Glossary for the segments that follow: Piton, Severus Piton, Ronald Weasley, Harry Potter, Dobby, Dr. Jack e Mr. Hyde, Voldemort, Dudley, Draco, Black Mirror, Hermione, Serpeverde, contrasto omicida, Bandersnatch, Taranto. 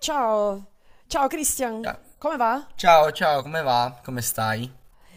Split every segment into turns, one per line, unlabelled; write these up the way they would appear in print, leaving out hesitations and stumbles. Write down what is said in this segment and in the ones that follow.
Ciao, ciao Christian,
Ciao,
come va?
ciao, ciao, come va? Come stai?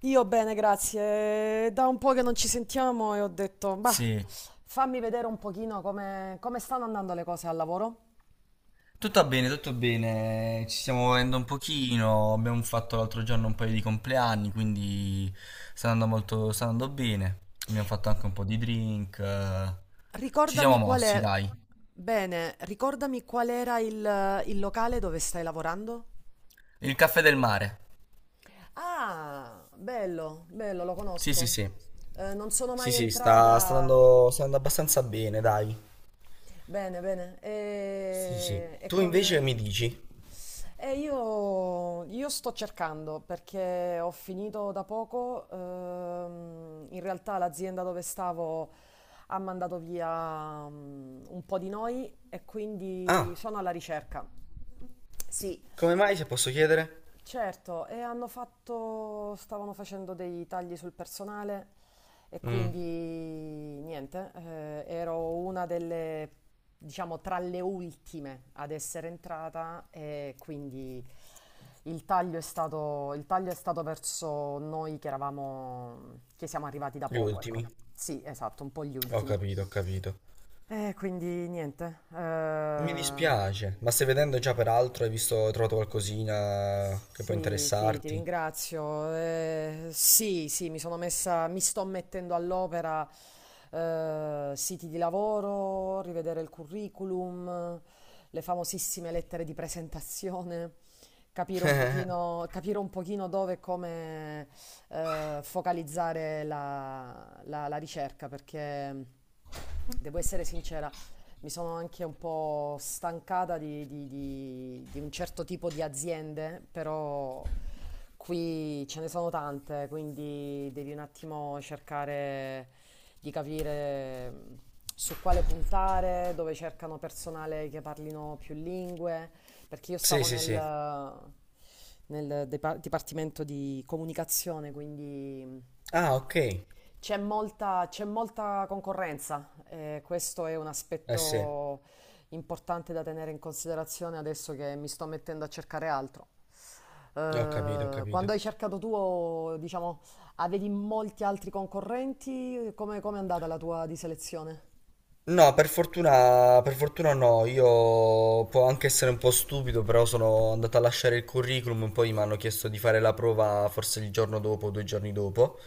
Io bene, grazie. Da un po' che non ci sentiamo e ho detto, bah,
Sì,
fammi vedere un pochino come stanno andando le cose al lavoro.
tutto bene, tutto bene. Ci stiamo muovendo un pochino. Abbiamo fatto l'altro giorno un paio di compleanni, quindi sta andando molto, sta andando bene. Abbiamo fatto anche un po' di drink. Ci siamo
Ricordami qual
mossi,
è.
dai.
Bene, ricordami qual era il locale dove stai lavorando?
Il caffè del mare.
Ah, bello, bello, lo
Sì, sì,
conosco.
sì.
Non sono
Sì,
mai
sì, sta, sta
entrata.
andando, sta andando abbastanza bene, dai.
Bene, bene.
Sì, sì.
E
Tu invece
come.
mi dici?
E io sto cercando perché ho finito da poco, in realtà l'azienda dove stavo ha mandato via un po' di noi e quindi
Ah,
sono alla ricerca. Sì.
come mai se posso chiedere?
Certo, e hanno fatto, stavano facendo dei tagli sul personale e
Mm,
quindi niente, ero una delle, diciamo, tra le ultime ad essere entrata e quindi il taglio è stato verso noi che eravamo, che siamo arrivati da
gli
poco, ecco.
ultimi.
Sì, esatto, un po' gli
Ho
ultimi.
capito, ho capito.
E quindi niente.
Mi dispiace, ma stai vedendo già per altro? Hai visto, hai trovato qualcosina che può
Sì, sì, ti
interessarti?
ringrazio. Sì, sì, mi sto mettendo all'opera, siti di lavoro, rivedere il curriculum, le famosissime lettere di presentazione, capire un pochino dove e come, focalizzare la ricerca, perché devo essere sincera, mi sono anche un po' stancata di un certo tipo di aziende, però qui ce ne sono tante, quindi devi un attimo cercare di capire su quale puntare, dove cercano personale che parlino più lingue, perché io
Sì,
stavo
sì, sì.
nel dipartimento di comunicazione, quindi
Ah, ok.
c'è molta concorrenza, questo è un
Eh sì,
aspetto importante da tenere in considerazione adesso che mi sto mettendo a cercare altro.
ho capito, ho
Quando
capito.
hai cercato tu, diciamo, avevi molti altri concorrenti? Come è andata la tua di selezione?
No, per fortuna no, io può anche essere un po' stupido, però sono andato a lasciare il curriculum, poi mi hanno chiesto di fare la prova forse il giorno dopo, o due giorni dopo,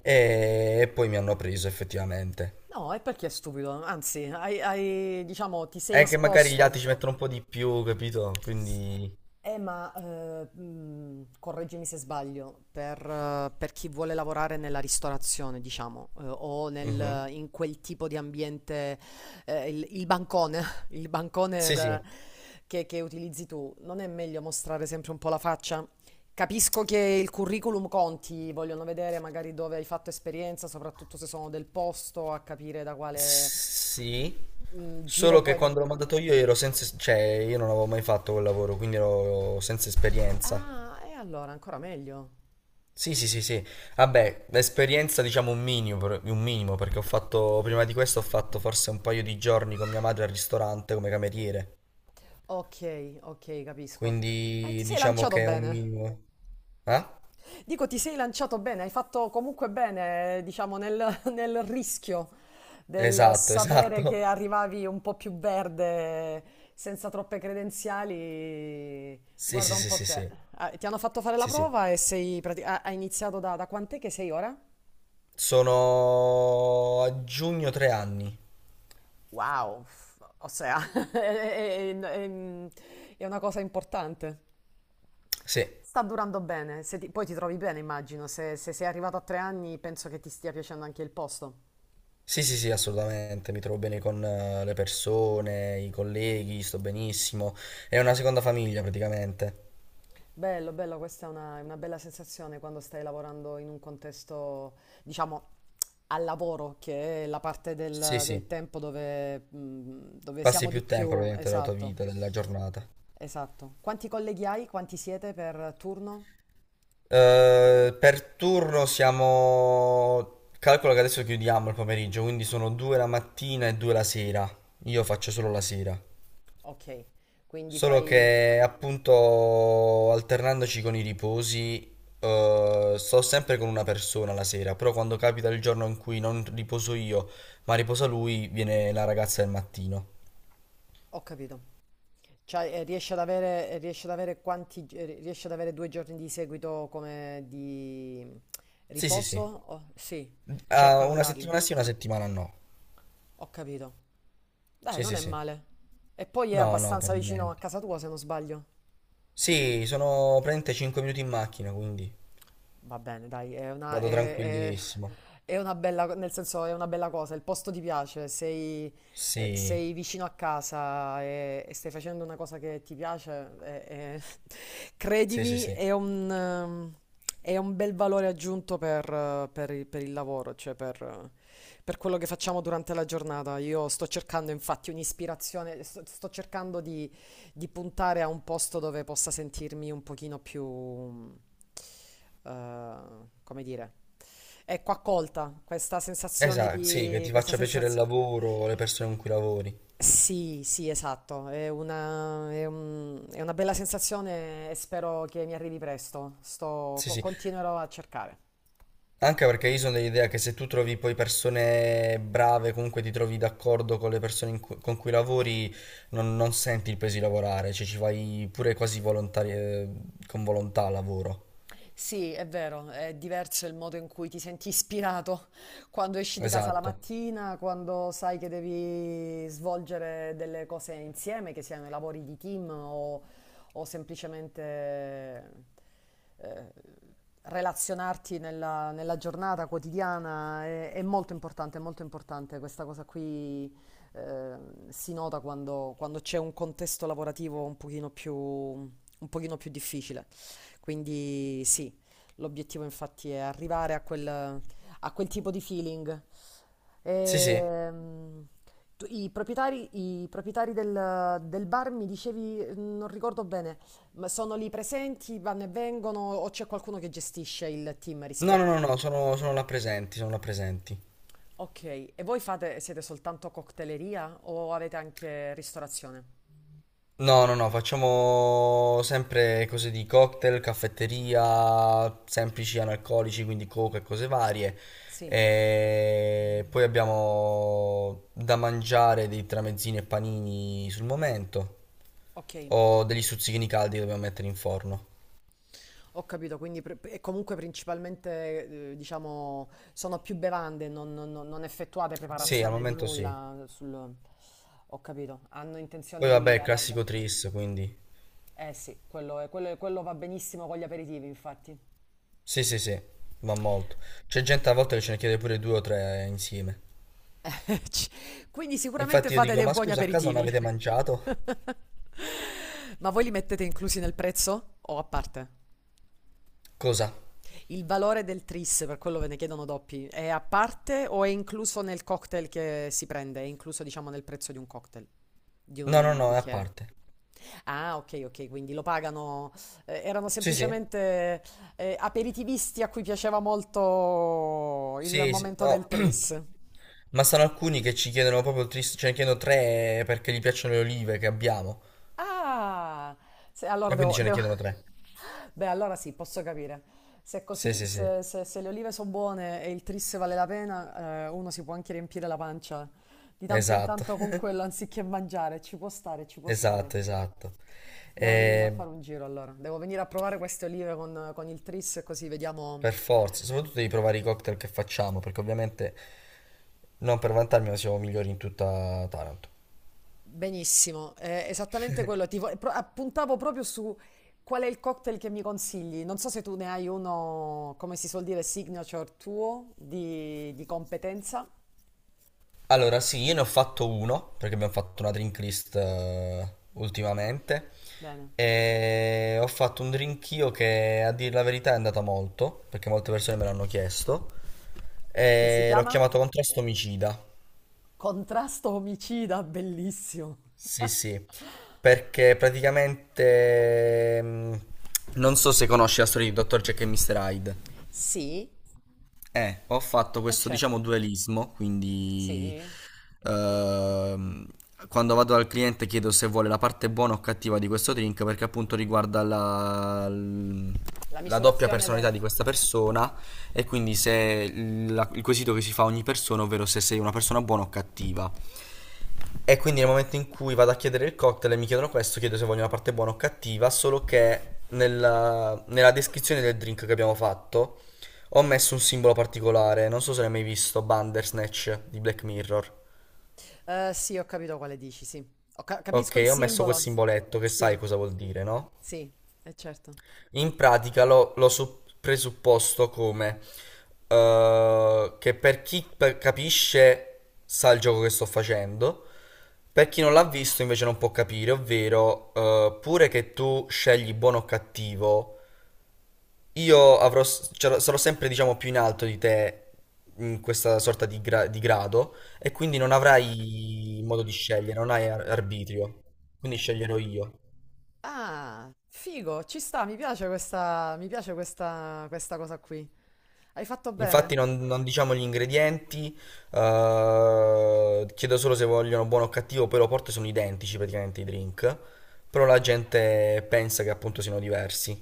e poi mi hanno preso effettivamente.
No, e perché è stupido? Anzi, hai, diciamo, ti sei
È che magari gli
esposto.
altri ci mettono un po' di più, capito? Quindi...
Ma correggimi se sbaglio, per chi vuole lavorare nella ristorazione, diciamo, o
Mhm.
in quel tipo di ambiente, il bancone, il bancone
Sì, sì.
da- che utilizzi tu, non è meglio mostrare sempre un po' la faccia? Capisco che il curriculum conti, vogliono vedere magari dove hai fatto esperienza, soprattutto se sono del posto, a capire da quale,
Sì,
giro
solo che
puoi
quando l'ho
venire.
mandato io ero senza, cioè io non avevo mai fatto quel lavoro, quindi ero senza esperienza.
Ah, e allora ancora meglio.
Sì, sì, sì, sì. Vabbè, l'esperienza diciamo un minimo, un minimo, perché ho fatto, prima di questo ho fatto forse un paio di giorni con mia madre al ristorante come cameriere,
Ok, ok, capisco. Ti
quindi
sei
diciamo
lanciato
che è un
bene.
minimo. Eh?
Dico, ti sei lanciato bene, hai fatto comunque bene, diciamo, nel rischio del
Esatto,
sapere
esatto.
che arrivavi un po' più verde, senza troppe credenziali.
Sì,
Guarda
sì,
un
sì,
po'
sì,
te.
sì.
Ah, ti hanno fatto fare la
Sì, sì.
prova e hai iniziato da quant'è che sei ora?
Sono a giugno 3 anni.
Wow, o sea, è, è- è- è- è una cosa importante.
Sì.
Sta durando bene, se ti- poi ti trovi bene, immagino. Se sei arrivato a 3 anni, penso che ti stia piacendo anche il posto.
Sì, sì, sì, assolutamente, mi trovo bene con le persone, i colleghi, sto benissimo. È una seconda famiglia praticamente.
Bello, bello, questa è una bella sensazione quando stai lavorando in un contesto, diciamo, al lavoro, che è la parte
Sì,
del,
sì,
del tempo dove, dove
passi
siamo di
più tempo
più.
praticamente della tua
Esatto,
vita, della giornata.
esatto. Quanti colleghi hai? Quanti siete per turno?
Per turno siamo... Calcolo che adesso chiudiamo il pomeriggio, quindi sono due la mattina e due la sera. Io faccio solo la sera.
Ok, quindi
Solo
fai.
che appunto alternandoci con i riposi, sto sempre con una persona la sera, però quando capita il giorno in cui non riposo io, ma riposa lui, viene la ragazza del mattino.
Ho capito. Cioè, riesce ad avere quanti, riesce ad avere 2 giorni di seguito come di
Sì, sì,
riposo?
sì.
Oh, sì,
Ah,
cercano di
una
darli.
settimana sì, una settimana no.
Ho capito. Dai,
Sì,
non
sì,
è
sì.
male. E poi è
No, no, per
abbastanza vicino a
niente.
casa tua, se non sbaglio.
Sì, sono praticamente 5 minuti in macchina, quindi
Va bene, dai, è una,
vado
è- è-
tranquillissimo.
è una bella, nel senso, è una bella cosa, il posto ti piace, sei, eh,
Sì,
sei vicino a casa e stai facendo una cosa che ti piace,
sì, sì,
credimi,
sì.
è un bel valore aggiunto per il lavoro, cioè per quello che facciamo durante la giornata. Io sto cercando infatti un'ispirazione, sto cercando di puntare a un posto dove possa sentirmi un pochino più, eh, come dire, ecco, accolta,
Esatto, sì, che ti
questa
faccia piacere il
sensazione.
lavoro, le persone con cui lavori.
Sì, sì, esatto, è una bella sensazione e spero che mi arrivi presto,
Sì, sì.
continuerò a cercare.
Anche perché io sono dell'idea che se tu trovi poi persone brave, comunque ti trovi d'accordo con le persone con cui lavori, non senti il peso di lavorare, cioè ci fai pure quasi con volontà al lavoro.
Sì, è vero, è diverso il modo in cui ti senti ispirato quando esci di casa la
Esatto.
mattina, quando sai che devi svolgere delle cose insieme, che siano i lavori di team o semplicemente eh, relazionarti nella giornata quotidiana. È molto importante, è molto importante. Questa cosa qui eh, si nota quando c'è un contesto lavorativo un pochino più difficile. Quindi sì, l'obiettivo infatti è arrivare a quel tipo di feeling.
Sì, sì.
Ehm, i proprietari del bar mi dicevi, non ricordo bene, ma sono lì presenti, vanno e vengono o c'è qualcuno che gestisce il team
No, no,
rispetto
no,
a.
no, sono là presenti, sono là presenti.
Ok, e voi siete soltanto cocktaileria o avete anche ristorazione?
No, no, no, facciamo sempre cose di cocktail, caffetteria, semplici analcolici, quindi coca e cose varie.
Sì,
E poi abbiamo da mangiare dei tramezzini e panini sul momento,
ok.
o degli stuzzichini caldi che dobbiamo mettere in forno.
Ho capito, quindi e comunque principalmente, diciamo, sono più bevande, non effettuate
Sì, al
preparazione di
momento sì.
nulla sul. Ho capito, hanno intenzione
Poi vabbè,
di
il
allargare.
classico tris, quindi
Eh sì, quello va benissimo con gli aperitivi, infatti.
sì, sì, sì, va molto. C'è gente a volte che ce ne chiede pure due o tre insieme.
Ci- Quindi sicuramente
Infatti io
fate
dico,
dei
ma
buoni
scusa, a casa non
aperitivi.
avete mangiato?
Ma voi li mettete inclusi nel prezzo o a parte?
Cosa?
Il valore del tris, per quello ve ne chiedono doppi, è a parte o è incluso nel cocktail che si prende? È incluso, diciamo, nel prezzo di un cocktail, di
No, no,
un
no, è a
bicchiere?
parte.
Ah, ok, ok, quindi lo pagano, erano
Sì, sì.
semplicemente aperitivisti a cui piaceva molto il
Sì, sì,
momento del
no.
tris.
Ma sono alcuni che ci chiedono proprio il tris, ce ne chiedono tre perché gli piacciono le olive che abbiamo.
Ah, allora
E quindi
devo,
ce ne
devo-
chiedono tre.
Beh, allora sì, posso capire. Se è
Sì,
così,
sì, sì.
se le olive sono buone e il tris vale la pena, uno si può anche riempire la pancia di tanto in
Esatto.
tanto con quello anziché mangiare. Ci può stare, ci può stare.
Esatto, esatto.
Devo venirmi a
E
fare un giro allora. Devo venire a provare queste olive con il tris così vediamo.
per forza, soprattutto devi provare i cocktail che facciamo, perché ovviamente non per vantarmi, ma siamo migliori in tutta Taranto.
Benissimo, è esattamente quello. Ti appuntavo proprio su qual è il cocktail che mi consigli. Non so se tu ne hai uno, come si suol dire, signature tuo di competenza.
Allora, sì, io ne ho fatto uno, perché abbiamo fatto una drink list ultimamente.
Bene.
E ho fatto un drink io che a dire la verità è andata molto, perché molte persone me l'hanno chiesto.
Che si
E l'ho
chiama?
chiamato contrasto omicida.
Contrasto omicida, bellissimo.
Sì, sì, perché praticamente non so se conosci la storia di Dr. Jack e Mr. Hyde.
Sì,
Ho fatto
eh
questo, diciamo,
certo,
dualismo, quindi
sì.
ehm, quando vado dal cliente chiedo se vuole la parte buona o cattiva di questo drink, perché appunto riguarda la, l-
La
la doppia
misurazione
personalità
delle.
di questa persona e
Certo.
quindi se il quesito che si fa a ogni persona, ovvero se sei una persona buona o cattiva. E quindi nel momento in cui vado a chiedere il cocktail e mi chiedono questo, chiedo se voglio una parte buona o cattiva, solo che nella, nella descrizione del drink che abbiamo fatto ho messo un simbolo particolare, non so se l'hai mai visto, Bandersnatch di Black Mirror.
Sì, ho capito quale dici, sì. Ho capisco il
Ok, ho messo quel
simbolo.
simboletto che sai
Sì,
cosa vuol dire, no?
sì, è certo.
In pratica lo presupposto come che per chi capisce sa il gioco che sto facendo, per chi non l'ha visto invece non può capire, ovvero pure che tu scegli buono o cattivo, io cioè, sarò sempre diciamo più in alto di te in questa sorta di, di grado e quindi non avrai modo di scegliere, non hai arbitrio, quindi sceglierò io.
Ah, figo, ci sta, mi piace questa, questa cosa qui. Hai fatto
Infatti
bene.
non diciamo gli ingredienti, chiedo solo se vogliono buono o cattivo, poi lo porto e sono identici praticamente i drink, però la
Sì.
gente pensa che appunto siano diversi.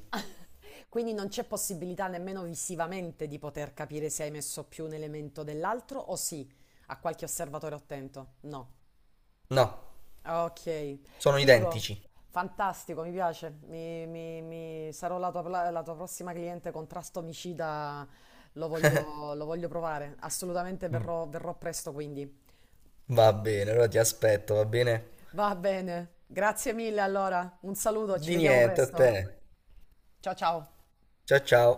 Quindi non c'è possibilità nemmeno visivamente di poter capire se hai messo più un elemento dell'altro o sì, a qualche osservatore attento. No.
No,
Ok,
sono
figo,
identici.
fantastico, mi piace. Sarò la tua prossima cliente contrasto omicida, lo voglio provare. Assolutamente verrò presto quindi.
Va bene, allora ti aspetto, va bene?
Va bene, grazie mille allora, un saluto, ci
Di
vediamo
niente a te.
presto. Ciao ciao.
Ciao ciao.